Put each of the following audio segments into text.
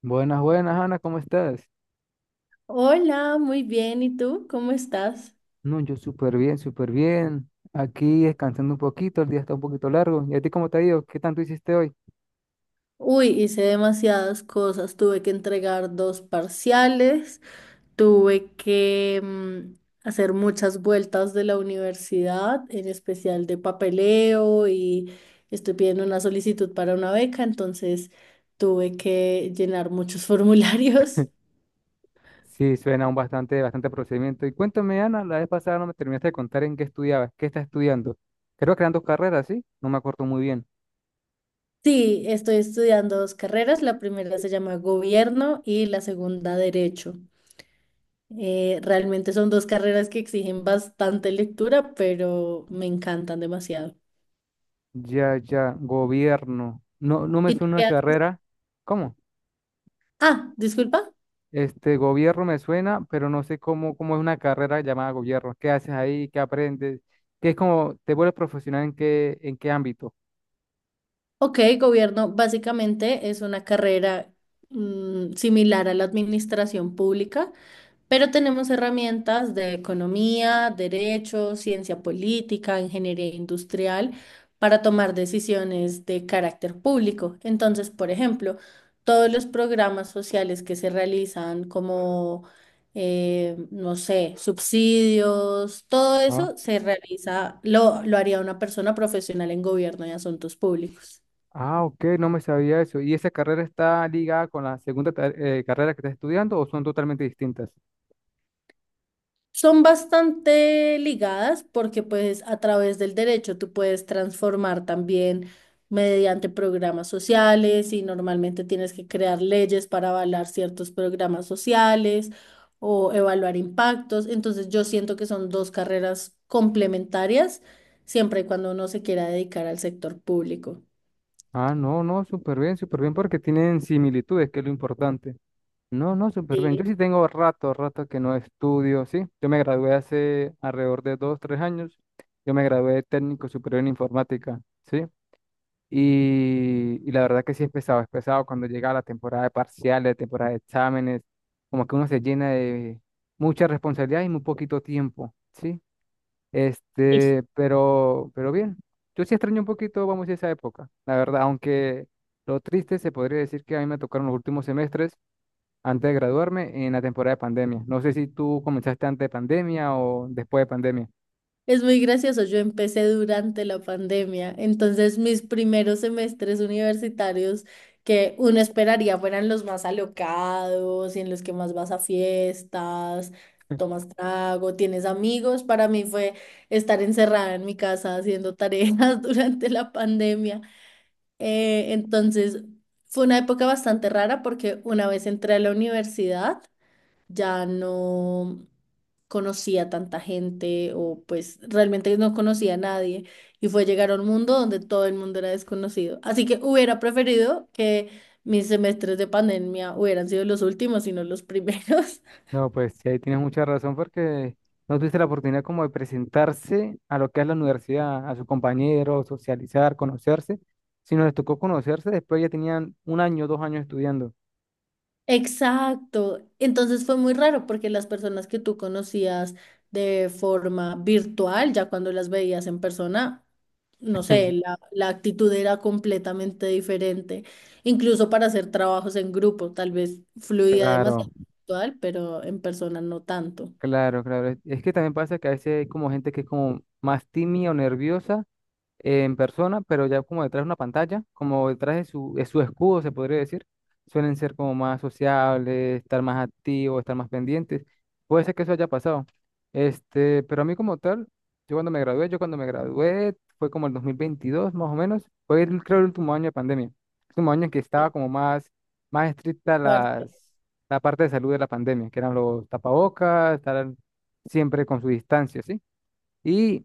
Buenas, buenas, Ana, ¿cómo estás? Hola, muy bien. ¿Y tú? ¿Cómo estás? No, yo súper bien, súper bien. Aquí descansando un poquito, el día está un poquito largo. ¿Y a ti cómo te ha ido? ¿Qué tanto hiciste hoy? Uy, hice demasiadas cosas. Tuve que entregar dos parciales, tuve que hacer muchas vueltas de la universidad, en especial de papeleo, y estoy pidiendo una solicitud para una beca, entonces tuve que llenar muchos formularios. Sí, suena un bastante, bastante procedimiento. Y cuéntame, Ana, la vez pasada no me terminaste de contar en qué estudiabas, qué estás estudiando. Creo que eran dos carreras, ¿sí? No me acuerdo muy bien. Sí, estoy estudiando dos carreras. La primera se llama Gobierno y la segunda Derecho. Realmente son dos carreras que exigen bastante lectura, pero me encantan demasiado. Ya, ya, gobierno. No, no me ¿Y tú suena una qué haces? carrera. ¿Cómo? Ah, disculpa. Este gobierno me suena, pero no sé cómo, cómo es una carrera llamada gobierno. ¿Qué haces ahí? ¿Qué aprendes? ¿Qué es como te vuelves profesional en qué ámbito? Ok, gobierno básicamente es una carrera similar a la administración pública, pero tenemos herramientas de economía, derecho, ciencia política, ingeniería industrial para tomar decisiones de carácter público. Entonces, por ejemplo, todos los programas sociales que se realizan como, no sé, subsidios, todo Ah, eso se realiza, lo haría una persona profesional en gobierno y asuntos públicos. ah, ok, no me sabía eso. ¿Y esa carrera está ligada con la segunda carrera que estás estudiando o son totalmente distintas? Son bastante ligadas porque pues a través del derecho tú puedes transformar también mediante programas sociales, y normalmente tienes que crear leyes para avalar ciertos programas sociales o evaluar impactos. Entonces yo siento que son dos carreras complementarias siempre y cuando uno se quiera dedicar al sector público. Ah, no, no, súper bien porque tienen similitudes, que es lo importante. No, no, súper bien. Yo Sí. sí tengo rato, rato que no estudio, ¿sí? Yo me gradué hace alrededor de dos, tres años. Yo me gradué de técnico superior en informática, ¿sí? Y la verdad que sí es pesado cuando llega la temporada de parciales, temporada de exámenes, como que uno se llena de mucha responsabilidad y muy poquito tiempo, ¿sí? Este, pero bien, yo sí extraño un poquito, vamos, esa época, la verdad, aunque lo triste se podría decir que a mí me tocaron los últimos semestres antes de graduarme en la temporada de pandemia. No sé si tú comenzaste antes de pandemia o después de pandemia. Es muy gracioso, yo empecé durante la pandemia, entonces mis primeros semestres universitarios, que uno esperaría fueran los más alocados y en los que más vas a fiestas, tomas trago, tienes amigos, para mí fue estar encerrada en mi casa haciendo tareas durante la pandemia. Entonces fue una época bastante rara, porque una vez entré a la universidad, ya no conocía tanta gente, o pues realmente no conocía a nadie, y fue llegar a un mundo donde todo el mundo era desconocido. Así que hubiera preferido que mis semestres de pandemia hubieran sido los últimos y no los primeros. No, pues sí, ahí tienes mucha razón porque no tuviste la oportunidad como de presentarse a lo que es la universidad, a sus compañeros, socializar, conocerse. Si les tocó conocerse, después ya tenían un año, dos años estudiando. Exacto. Entonces fue muy raro porque las personas que tú conocías de forma virtual, ya cuando las veías en persona, no sé, la actitud era completamente diferente, incluso para hacer trabajos en grupo, tal vez fluía Claro, demasiado virtual, pero en persona no tanto. claro, claro. Es que también pasa que a veces hay como gente que es como más tímida o nerviosa en persona, pero ya como detrás de una pantalla, como detrás de su escudo, se podría decir, suelen ser como más sociables, estar más activos, estar más pendientes. Puede ser que eso haya pasado. Este, pero a mí como tal, yo cuando me gradué, fue como el 2022 más o menos, fue el, creo el último año de pandemia, el último año en que estaba como más, más estricta Fuerte. las, la parte de salud de la pandemia, que eran los tapabocas, estar siempre con su distancia, ¿sí? Y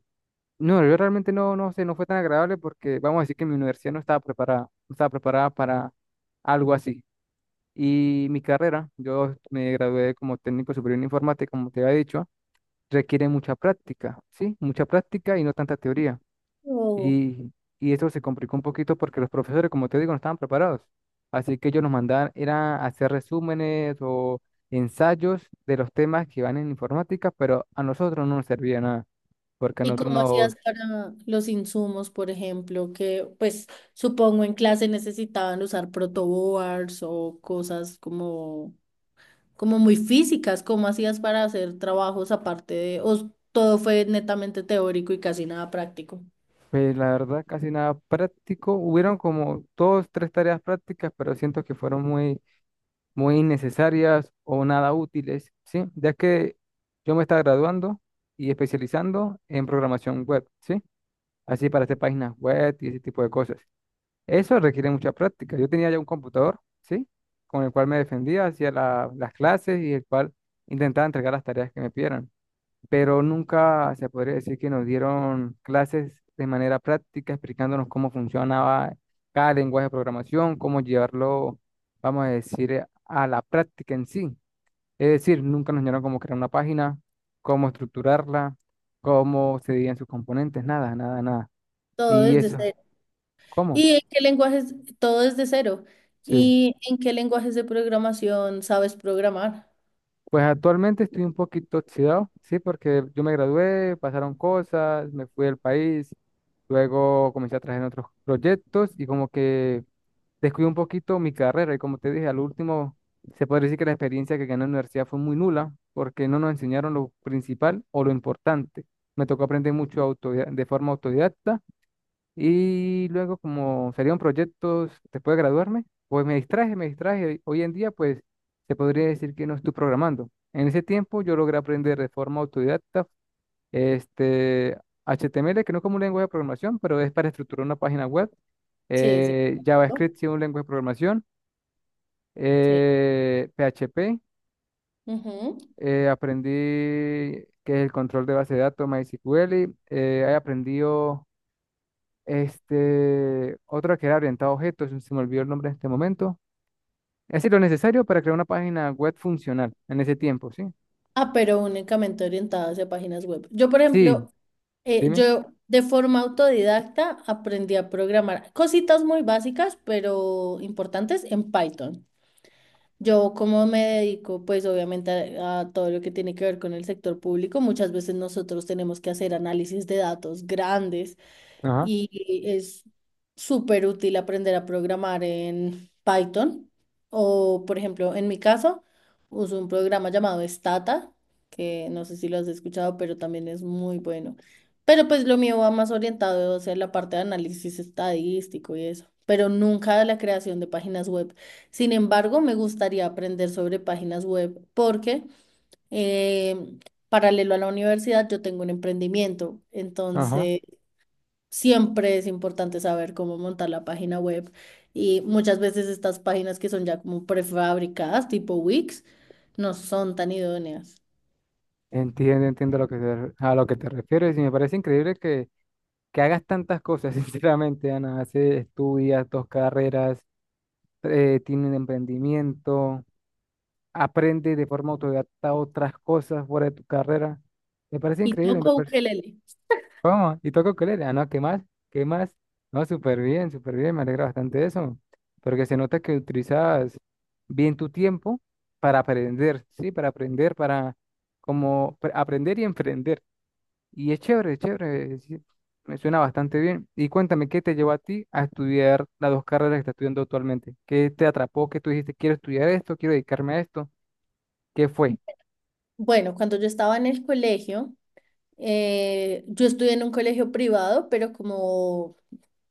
no, yo realmente no, no sé, no fue tan agradable porque vamos a decir que mi universidad no estaba preparada, no estaba preparada para algo así. Y mi carrera, yo me gradué como técnico superior en informática, como te había dicho, requiere mucha práctica, ¿sí? Mucha práctica y no tanta teoría. Oh. Y, y eso se complicó un poquito porque los profesores, como te digo, no estaban preparados. Así que ellos nos mandaban, era hacer resúmenes o ensayos de los temas que van en informática, pero a nosotros no nos servía nada porque a ¿Y nosotros cómo nos... hacías para los insumos, por ejemplo, que pues supongo en clase necesitaban usar protoboards o cosas como, como muy físicas? ¿Cómo hacías para hacer trabajos aparte de, o todo fue netamente teórico y casi nada práctico? Pues la verdad, casi nada práctico. Hubieron como dos, tres tareas prácticas, pero siento que fueron muy, muy innecesarias o nada útiles, ¿sí? Ya que yo me estaba graduando y especializando en programación web, ¿sí? Así para hacer páginas web y ese tipo de cosas. Eso requiere mucha práctica. Yo tenía ya un computador, ¿sí? Con el cual me defendía, hacía las clases y el cual intentaba entregar las tareas que me pidieran, pero nunca se podría decir que nos dieron clases de manera práctica explicándonos cómo funcionaba cada lenguaje de programación, cómo llevarlo, vamos a decir, a la práctica en sí. Es decir, nunca nos dieron cómo crear una página, cómo estructurarla, cómo se dividían sus componentes, nada, nada, nada. Todo Y desde. eso, ¿cómo? ¿Y en qué lenguajes? Todo es de cero. Sí. ¿Y en qué lenguajes de programación sabes programar? Pues actualmente estoy un poquito oxidado, sí, porque yo me gradué, pasaron cosas, me fui del país, luego comencé a trabajar en otros proyectos y como que descuido un poquito mi carrera y como te dije, al último se podría decir que la experiencia que gané en la universidad fue muy nula porque no nos enseñaron lo principal o lo importante. Me tocó aprender mucho de forma autodidacta y luego como salieron proyectos después de graduarme, pues me distraje, me distraje. Hoy en día pues se podría decir que no estoy programando. En ese tiempo yo logré aprender de forma autodidacta este, HTML, que no es como un lenguaje de programación, pero es para estructurar una página web. Sí, sí. ¿No? JavaScript, sí, un lenguaje de programación. Sí. PHP, Ujú. Aprendí que es el control de base de datos, MySQL. He aprendido este, otro que era orientado a objetos, se me olvidó el nombre en este momento. Es decir, lo necesario para crear una página web funcional en ese tiempo, ¿sí? Ah, pero únicamente orientadas a páginas web. Yo, por Sí, ejemplo, dime. yo de forma autodidacta aprendí a programar cositas muy básicas, pero importantes en Python. Yo como me dedico, pues obviamente a todo lo que tiene que ver con el sector público, muchas veces nosotros tenemos que hacer análisis de datos grandes, Ajá, y es súper útil aprender a programar en Python o, por ejemplo, en mi caso, uso un programa llamado Stata, que no sé si lo has escuchado, pero también es muy bueno. Pero pues lo mío va más orientado hacia la parte de análisis estadístico y eso, pero nunca a la creación de páginas web. Sin embargo, me gustaría aprender sobre páginas web porque eh, paralelo a la universidad yo tengo un emprendimiento, ajá. entonces siempre es importante saber cómo montar la página web, y muchas veces estas páginas que son ya como prefabricadas, tipo Wix, no son tan idóneas. Entiendo, entiendo lo que a lo que te refieres y me parece increíble que hagas tantas cosas, sinceramente, Ana. Hace, estudias dos carreras, tiene un emprendimiento, aprendes de forma autodidacta otras cosas fuera de tu carrera. Me parece Y increíble. Me toco parece... ukelele. ¿Cómo? ¿Y toco ukulele? Ah, no, ¿qué más? ¿Qué más? No, súper bien, súper bien. Me alegra bastante de eso. Porque se nota que utilizas bien tu tiempo para aprender, ¿sí? Para aprender, para como aprender y emprender. Y es chévere, es chévere, es decir, me suena bastante bien. Y cuéntame, ¿qué te llevó a ti a estudiar las dos carreras que estás estudiando actualmente? ¿Qué te atrapó? ¿Qué tú dijiste, quiero estudiar esto, quiero dedicarme a esto? ¿Qué fue? Bueno, cuando yo estaba en el colegio, yo estudié en un colegio privado, pero como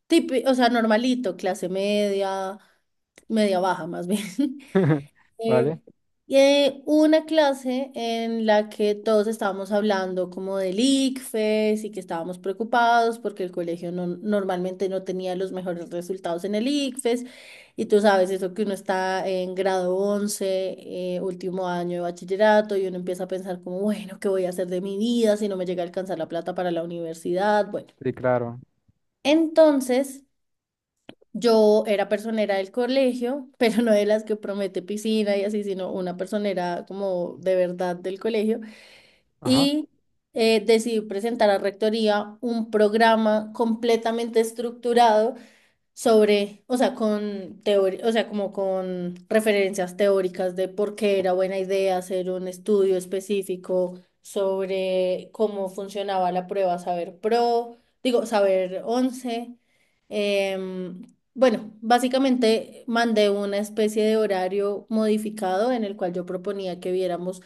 O sea, normalito, clase media, media baja más bien. ¿Vale? Eh, y, una clase en la que todos estábamos hablando como del ICFES, y que estábamos preocupados porque el colegio no, normalmente no tenía los mejores resultados en el ICFES. Y tú sabes eso que uno está en grado 11, último año de bachillerato, y uno empieza a pensar como, bueno, ¿qué voy a hacer de mi vida si no me llega a alcanzar la plata para la universidad? Bueno. Sí, claro. Entonces, yo era personera del colegio, pero no de las que promete piscina y así, sino una personera como de verdad del colegio. Ajá, Y decidí presentar a Rectoría un programa completamente estructurado sobre, o sea, con teoría, o sea, como con referencias teóricas de por qué era buena idea hacer un estudio específico sobre cómo funcionaba la prueba Saber Pro, digo, Saber 11. Em, bueno, básicamente mandé una especie de horario modificado en el cual yo proponía que viéramos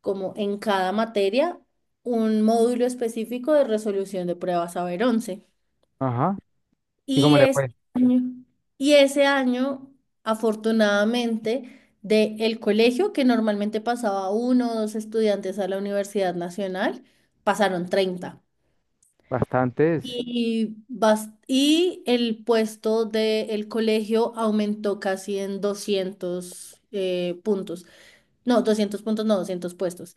como en cada materia un módulo específico de resolución de pruebas Saber 11. ajá. ¿Y cómo Y le ese fue? año, y ese año, afortunadamente, de el colegio, que normalmente pasaba uno o dos estudiantes a la Universidad Nacional, pasaron 30. Bastantes. Y el puesto del colegio aumentó casi en 200 puntos. No, 200 puntos, no, 200 puestos.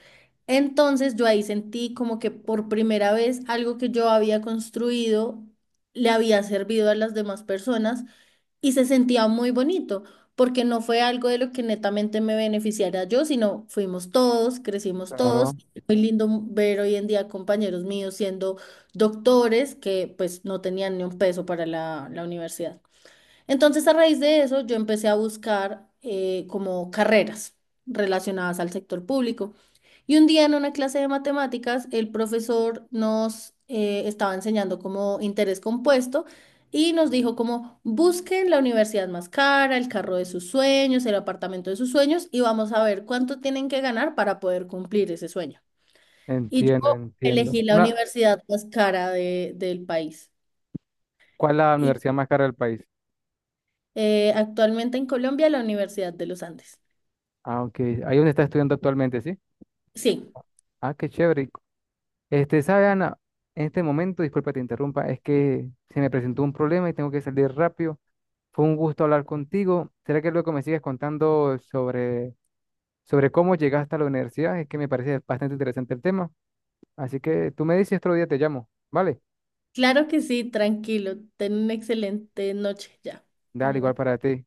Entonces yo ahí sentí como que por primera vez algo que yo había construido le había servido a las demás personas, y se sentía muy bonito, porque no fue algo de lo que netamente me beneficiara yo, sino fuimos todos, crecimos Claro, todos. Muy lindo ver hoy en día compañeros míos siendo doctores que pues no tenían ni un peso para la universidad. Entonces, a raíz de eso, yo empecé a buscar como carreras relacionadas al sector público. Y un día en una clase de matemáticas, el profesor nos estaba enseñando como interés compuesto y nos dijo como busquen la universidad más cara, el carro de sus sueños, el apartamento de sus sueños y vamos a ver cuánto tienen que ganar para poder cumplir ese sueño. Y yo entiendo, entiendo. elegí la Una, universidad más cara del país. ¿cuál es la Y universidad más cara del país? Actualmente en Colombia, la Universidad de los Andes. Ah, ok. Ahí donde estás estudiando actualmente, ¿sí? Sí, Ah, qué chévere. Este, ¿sabe, Ana? En este momento, disculpa, te interrumpa, es que se me presentó un problema y tengo que salir rápido. Fue un gusto hablar contigo. ¿Será que luego me sigues contando sobre, sobre cómo llegaste a la universidad? Es que me parece bastante interesante el tema. Así que tú me dices, otro día te llamo. ¿Vale? claro que sí, tranquilo. Ten una excelente noche ya. Ten Dale igual una para ti.